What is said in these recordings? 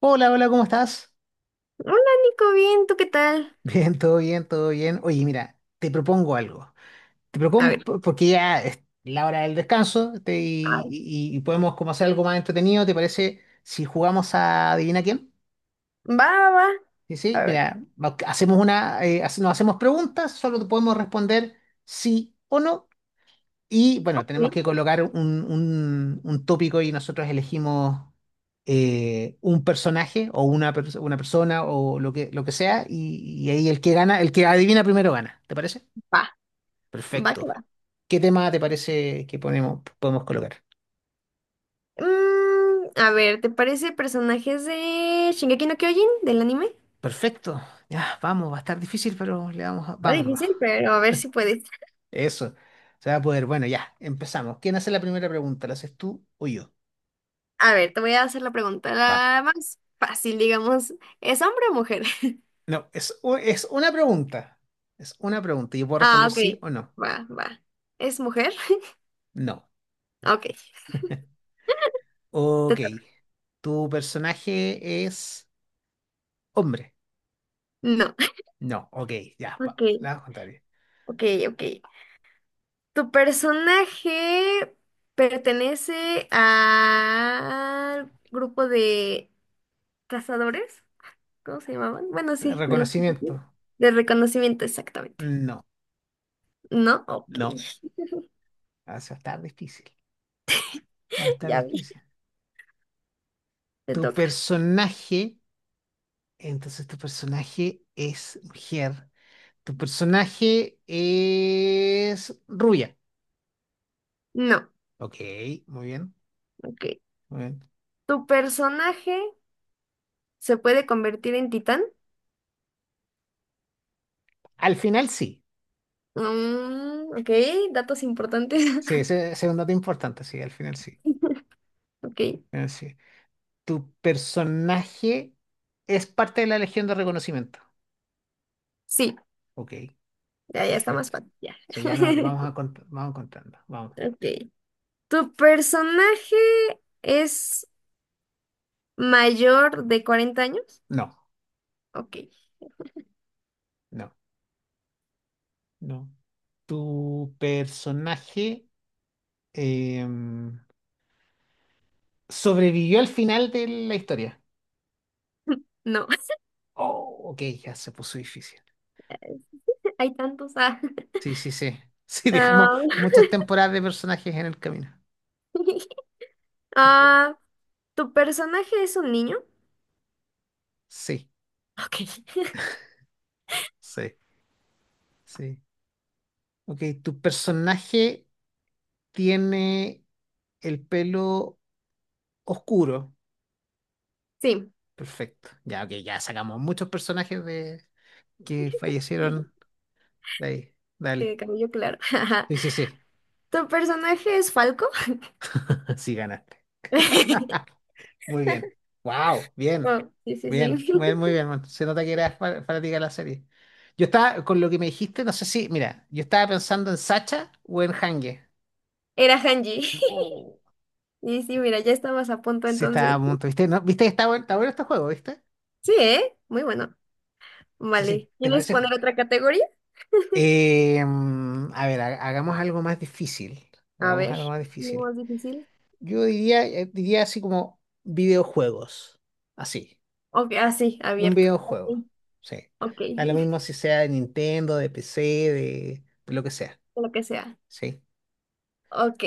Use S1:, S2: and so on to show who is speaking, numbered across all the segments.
S1: Hola, hola, ¿cómo estás?
S2: Hola Nico, bien, ¿tú qué tal?
S1: Bien, todo bien, todo bien. Oye, mira, te propongo algo. Te
S2: A
S1: propongo
S2: ver,
S1: porque ya es la hora del descanso
S2: ay,
S1: y podemos como hacer algo más entretenido. ¿Te parece si jugamos a Adivina quién?
S2: va, va, va,
S1: Sí, sí,
S2: a ver.
S1: mira, hacemos una, nos hacemos preguntas, solo te podemos responder sí o no. Y bueno, tenemos que
S2: Sí,
S1: colocar un tópico y nosotros elegimos un personaje o una persona o lo que sea y ahí el que gana, el que adivina primero gana. ¿Te parece?
S2: va, va
S1: Perfecto.
S2: que va.
S1: ¿Qué tema te parece que ponemos, podemos colocar?
S2: A ver, ¿te parece personajes de Shingeki no Kyojin, del anime?
S1: Perfecto. Ya, vamos, va a estar difícil, pero le vamos a,
S2: Va
S1: vámonos.
S2: difícil, pero a ver si puedes.
S1: Eso. Se va a poder. Bueno, ya, empezamos. ¿Quién hace la primera pregunta? ¿La haces tú o yo?
S2: A ver, te voy a hacer la pregunta
S1: Va.
S2: la más fácil, digamos. ¿Es hombre o mujer?
S1: No, es, es una pregunta. Es una pregunta. Yo puedo
S2: Ah,
S1: responder
S2: ok,
S1: sí o no.
S2: va, va. ¿Es mujer?
S1: No.
S2: Ok, te
S1: Ok.
S2: toca.
S1: ¿Tu personaje es hombre?
S2: No.
S1: No. Ok, ya,
S2: Ok,
S1: la contraria.
S2: ok, ok. ¿Tu personaje pertenece al grupo de cazadores? ¿Cómo se llamaban? Bueno, sí, de los
S1: ¿Reconocimiento?
S2: de reconocimiento, exactamente.
S1: No.
S2: ¿No? Ok,
S1: No. Ah, eso va a estar difícil. Va a estar
S2: ya vi,
S1: difícil.
S2: te
S1: ¿Tu
S2: toca.
S1: personaje? Entonces, tu personaje es mujer. ¿Tu personaje es rubia?
S2: No,
S1: Ok, muy bien.
S2: ok.
S1: Muy bien.
S2: ¿Tu personaje se puede convertir en titán?
S1: Al final sí.
S2: Ok, datos importantes.
S1: Sí, ese es un dato importante, sí, al final sí. Al
S2: Ok,
S1: final sí. Tu personaje es parte de la Legión de Reconocimiento.
S2: sí,
S1: Ok,
S2: ya, ya está más
S1: perfecto.
S2: fácil, ya.
S1: O sea, ya no, vamos contando. Vamos.
S2: Ok. ¿Tu personaje es ¿Mayor de 40 años?
S1: No,
S2: Ok.
S1: no, no. Tu personaje em, sobrevivió al final de la historia.
S2: No,
S1: Oh, ok, ya se puso difícil.
S2: hay tantos. Ah.
S1: Sí, sí, sí. Sí, dejamos
S2: Ah,
S1: muchas temporadas de personajes en el camino. Ok.
S2: ah, ¿tu personaje es un niño?
S1: Sí,
S2: Ok.
S1: sí, sí. Ok, tu personaje tiene el pelo oscuro.
S2: Sí.
S1: Perfecto. Ya, ok, ya sacamos muchos personajes de que
S2: Sí,
S1: fallecieron de ahí.
S2: De
S1: Dale.
S2: cabello claro.
S1: Sí, sí, sí.
S2: ¿Tu personaje es Falco?
S1: Sí, ganaste. Muy bien. Wow, bien.
S2: Oh, sí, sí, sí.
S1: Bien, muy, muy bien, man. Se nota que eras fanática de la serie. Yo estaba, con lo que me dijiste, no sé si, mira, yo estaba pensando en Sacha o en Hange.
S2: Era Hanji.
S1: Oh,
S2: Y sí, mira, ya estabas a punto
S1: sí, estaba a
S2: entonces.
S1: punto, ¿viste? ¿No? ¿Viste? Que está bueno, está bueno este juego, ¿viste?
S2: Sí, ¿eh? Muy bueno.
S1: Sí, sí,
S2: Vale.
S1: ¿te
S2: ¿Quieres
S1: parece?
S2: poner otra categoría?
S1: A ver, hagamos algo más difícil.
S2: A
S1: Hagamos
S2: ver.
S1: algo más
S2: ¿No
S1: difícil.
S2: más difícil?
S1: Yo diría, diría así como videojuegos. Así.
S2: Ok, ah, sí,
S1: Un
S2: abierto. Ok,
S1: videojuego. Sí.
S2: ok,
S1: Da lo mismo si sea de Nintendo, de PC, de lo que sea.
S2: lo que sea.
S1: Sí.
S2: Ok,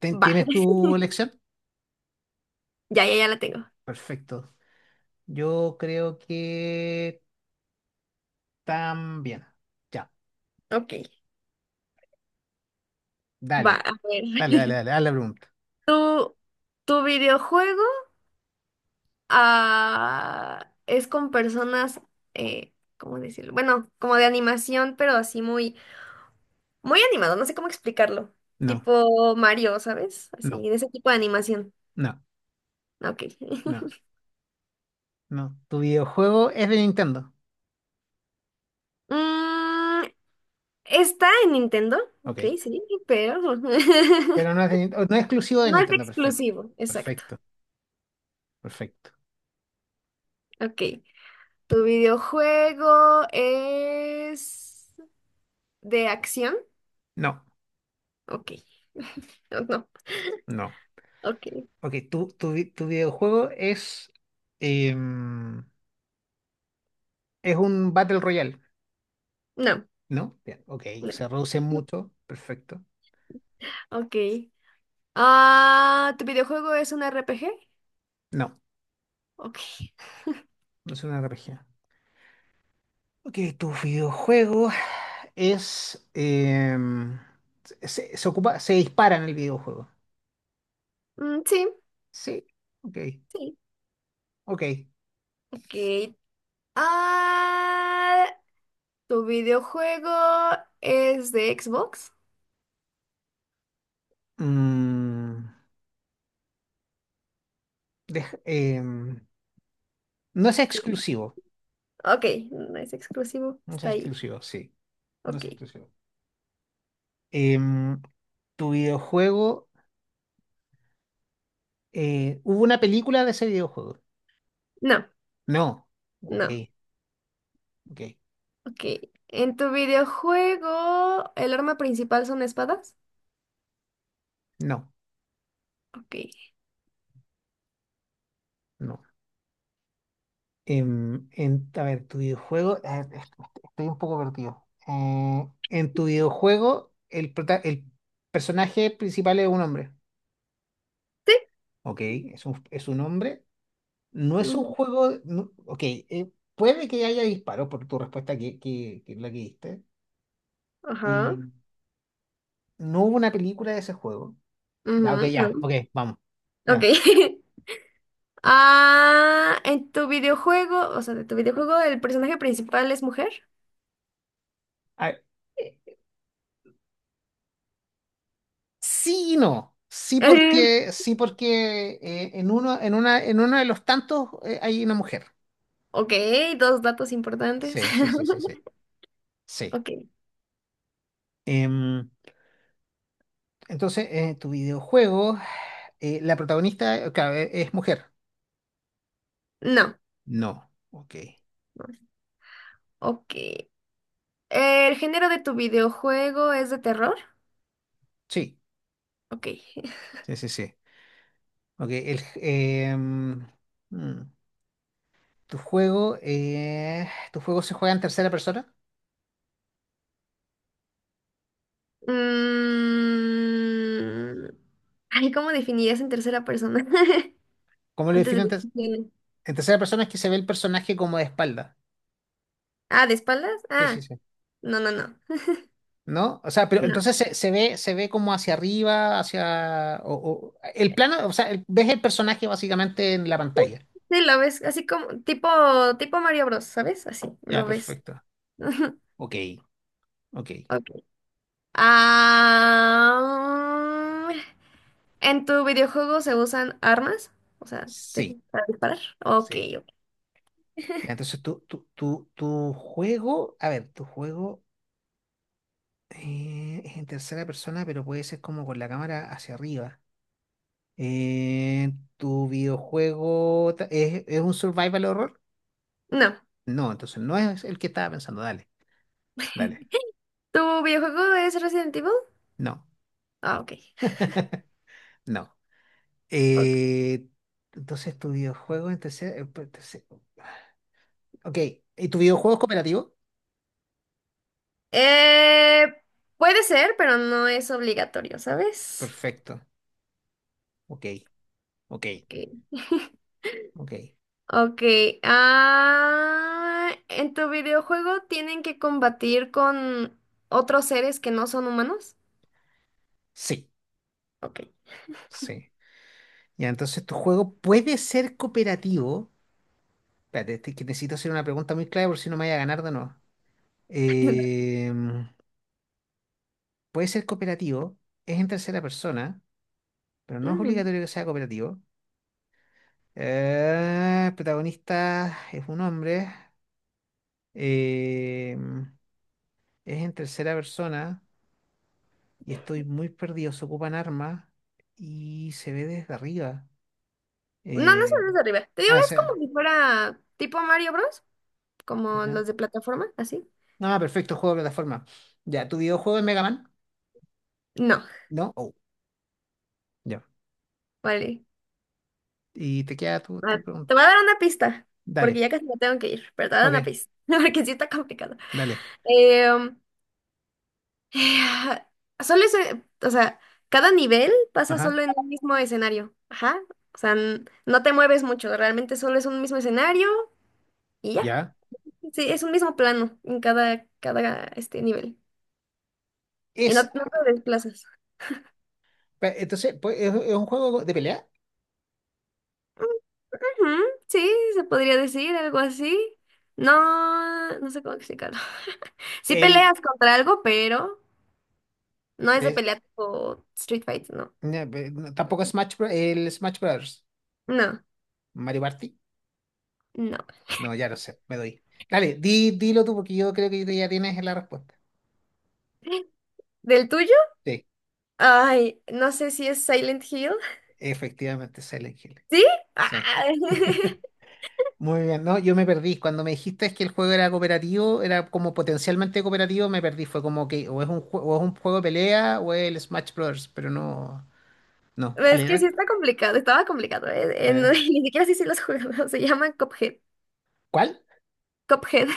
S2: va.
S1: ¿Tienes tu elección?
S2: Ya, ya, ya la tengo.
S1: Perfecto. Yo creo que también. Ya.
S2: Ok. Va,
S1: Dale.
S2: a ver.
S1: Dale, dale, dale. Haz la pregunta.
S2: ¿Tu, tu videojuego es con personas, ¿cómo decirlo? Bueno, como de animación, pero así muy, muy animado, no sé cómo explicarlo.
S1: No,
S2: Tipo Mario, ¿sabes?
S1: no,
S2: Así, de ese tipo de animación.
S1: no,
S2: Ok.
S1: no, no. Tu videojuego es de Nintendo.
S2: Mm, Está en Nintendo, ok,
S1: Ok.
S2: sí, pero no
S1: Pero no es exclusivo de
S2: es
S1: Nintendo. Perfecto.
S2: exclusivo, exacto.
S1: Perfecto. Perfecto.
S2: Ok. ¿Tu videojuego es de acción?
S1: No.
S2: Ok, no, no,
S1: No.
S2: ok,
S1: Ok, tu videojuego es, em, es un Battle Royale,
S2: no,
S1: ¿no? Bien, ok,
S2: no,
S1: se reduce mucho, perfecto.
S2: ok. Ah, ¿tu videojuego es un RPG?
S1: No,
S2: Ok,
S1: no es una RPG. Ok, tu videojuego es, se ocupa, se dispara en el videojuego.
S2: sí,
S1: Sí, ok,
S2: sí,
S1: ok.
S2: ok. Ah, ¿tu videojuego es de Xbox?
S1: Mm, deja- em, no es
S2: Sí,
S1: exclusivo,
S2: ok, no es exclusivo,
S1: no es
S2: está ahí,
S1: exclusivo, sí, no
S2: ok.
S1: es exclusivo. Em, tu videojuego, eh, ¿hubo una película de ese videojuego?
S2: No,
S1: No.
S2: no,
S1: Ok, ok.
S2: ok. ¿En tu videojuego el arma principal son espadas?
S1: No,
S2: Ok.
S1: no. Em, en, a ver, tu videojuego. A ver, estoy un poco perdido. En tu videojuego, el personaje principal es un hombre. Ok, es un hombre. No
S2: Sí.
S1: es un juego. Ok, puede que haya disparos por tu respuesta que es la que diste.
S2: Ajá.
S1: Y no hubo una película de ese juego. Ya, ok, ya,
S2: Ujú,
S1: ok, vamos.
S2: no. Ok.
S1: Ya.
S2: Ah, en tu videojuego, o sea, de tu videojuego, ¿el personaje principal es mujer?
S1: A ver, eh, sí y no.
S2: Eh,
S1: Sí porque en uno, en una, en uno de los tantos hay una mujer.
S2: Ok, dos datos importantes.
S1: Sí, sí, sí, sí, sí. Sí.
S2: Ok.
S1: Em, entonces, tu videojuego, la protagonista, claro, es mujer.
S2: No.
S1: No. Ok.
S2: Ok. ¿El género de tu videojuego es de terror?
S1: Sí,
S2: Ok.
S1: sí, sí, sí. Ok, mm, tu juego se juega en tercera persona.
S2: Mm, Ay, ¿cómo definirías en tercera persona?
S1: ¿Cómo lo
S2: Antes
S1: definen?
S2: de...
S1: En tercera persona es que se ve el personaje como de espalda.
S2: Ah, ¿de espaldas?
S1: Sí, sí,
S2: Ah,
S1: sí.
S2: no, no, no.
S1: ¿No? O sea, pero
S2: No.
S1: entonces se ve como hacia arriba, hacia... El plano, o sea, ves el personaje básicamente en la pantalla.
S2: Sí, lo ves así como tipo, Mario Bros, ¿sabes? Así,
S1: Ya,
S2: lo ves.
S1: perfecto. Ok, ok.
S2: Ok. Ah, ¿en tu videojuego se usan armas? O sea,
S1: Sí,
S2: para disparar. Ok,
S1: sí.
S2: ok.
S1: Ya, entonces tu juego, a ver, tu juego es en tercera persona, pero puede ser como con la cámara hacia arriba. Eh, ¿Tu videojuego es un survival horror?
S2: No.
S1: No, entonces no es el que estaba pensando. Dale, dale.
S2: ¿Tu videojuego es Resident Evil?
S1: No.
S2: Ah, ok.
S1: No.
S2: Ok.
S1: Eh, entonces, tu videojuego en tercer- pues, tercer- ok. ¿Y tu videojuego es cooperativo?
S2: Eh, Puede ser, pero no es obligatorio, ¿sabes?
S1: Perfecto. Ok. Ok.
S2: Ok.
S1: Ok.
S2: Ok, ah, ¿en tu videojuego tienen que combatir con otros seres que no son humanos?
S1: Sí.
S2: Ok.
S1: Sí. Ya, entonces tu juego puede ser cooperativo. Espérate, que necesito hacer una pregunta muy clara por si no me vaya a ganar de nuevo. Em, puede ser cooperativo. Es en tercera persona, pero no es
S2: Ujú.
S1: obligatorio que sea cooperativo. El protagonista es un hombre. Em, es en tercera persona y estoy muy perdido. Se ocupan armas y se ve desde arriba.
S2: No, no
S1: Eh,
S2: son los de arriba. Te digo,
S1: ah, o
S2: es como
S1: sea.
S2: si fuera tipo Mario Bros, como
S1: Ya.
S2: los de plataforma, así.
S1: Ah, perfecto, juego de plataforma. Ya, ¿tu videojuego es Mega Man?
S2: No,
S1: ¿No? Oh, ya.
S2: vale.
S1: Y te queda tu,
S2: Va,
S1: tu pregunta.
S2: te voy a dar una pista, porque
S1: Dale.
S2: ya casi me tengo que ir, pero te voy a dar una
S1: Ok,
S2: pista, porque sí está complicado.
S1: dale.
S2: Em, Eh, solo ese, o sea, cada nivel pasa
S1: Ajá,
S2: solo en un mismo escenario. Ajá. O sea, no te mueves mucho, realmente solo es un mismo escenario y ya.
S1: ya.
S2: Sí, es un mismo plano en cada, este nivel. Y no,
S1: Es,
S2: no te desplazas.
S1: entonces, pues, es un juego de pelea?
S2: Ujú, sí, se podría decir algo así. No, no sé cómo explicarlo. Sí
S1: El,
S2: peleas contra algo, pero no es de
S1: el-
S2: pelea tipo Street Fight, no.
S1: no, no, tampoco es Smash, el Smash Brothers.
S2: No,
S1: Mario Party.
S2: no.
S1: No, ya no sé, me doy. Dale, di, dilo tú porque yo creo que ya tienes la respuesta.
S2: ¿Del tuyo?
S1: Sí.
S2: Ay, no sé si es Silent Hill.
S1: Efectivamente, Silent Hill.
S2: ¿Sí? Ah,
S1: Sí. Muy bien, ¿no? Yo me perdí. Cuando me dijiste que el juego era cooperativo, era como potencialmente cooperativo, me perdí. Fue como que o es un juego de pelea o es el Smash Bros. Pero no. No. ¿Cuál
S2: Es que sí
S1: era?
S2: está complicado, estaba complicado. eh, eh,
S1: ¿Cuál
S2: no,
S1: era?
S2: ni siquiera sí sí los juegos, se llaman Cuphead.
S1: ¿Cuál?
S2: Cuphead.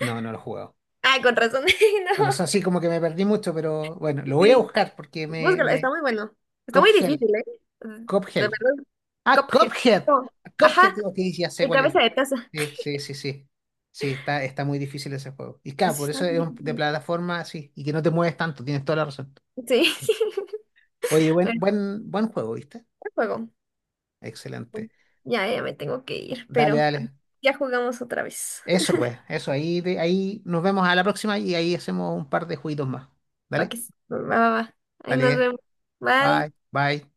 S1: No, no lo he jugado.
S2: Ah, con razón.
S1: Bueno,
S2: No,
S1: eso sí, como que me perdí mucho, pero bueno, lo voy a
S2: sí.
S1: buscar porque me.
S2: Búscalo, está
S1: Me...
S2: muy bueno. Está muy
S1: Cuphead.
S2: difícil, ¿eh? Mm, De
S1: Cuphead.
S2: verdad,
S1: Ah,
S2: Cuphead.
S1: Cuphead.
S2: No, ajá,
S1: Cuphead, digo que ya sé
S2: el
S1: cuál es.
S2: cabeza de taza.
S1: Sí, sí, sí, sí. Sí, está, está muy difícil ese juego. Y claro,
S2: Pues sí,
S1: por
S2: está
S1: eso
S2: muy
S1: es de
S2: difícil.
S1: plataforma, sí, y que no te mueves tanto, tienes toda la razón.
S2: Sí.
S1: Oye, buen,
S2: Bueno,
S1: buen, buen juego, ¿viste?
S2: ¿qué juego.
S1: Excelente.
S2: Ya, ya me tengo que ir,
S1: Dale,
S2: pero
S1: dale.
S2: ya jugamos otra vez.
S1: Eso pues, eso, ahí, ahí nos vemos a la próxima y ahí hacemos un par de jueguitos más.
S2: Va
S1: Dale,
S2: que sí. Va, va, va. Ahí nos
S1: dale.
S2: vemos. Bye.
S1: Bye, bye.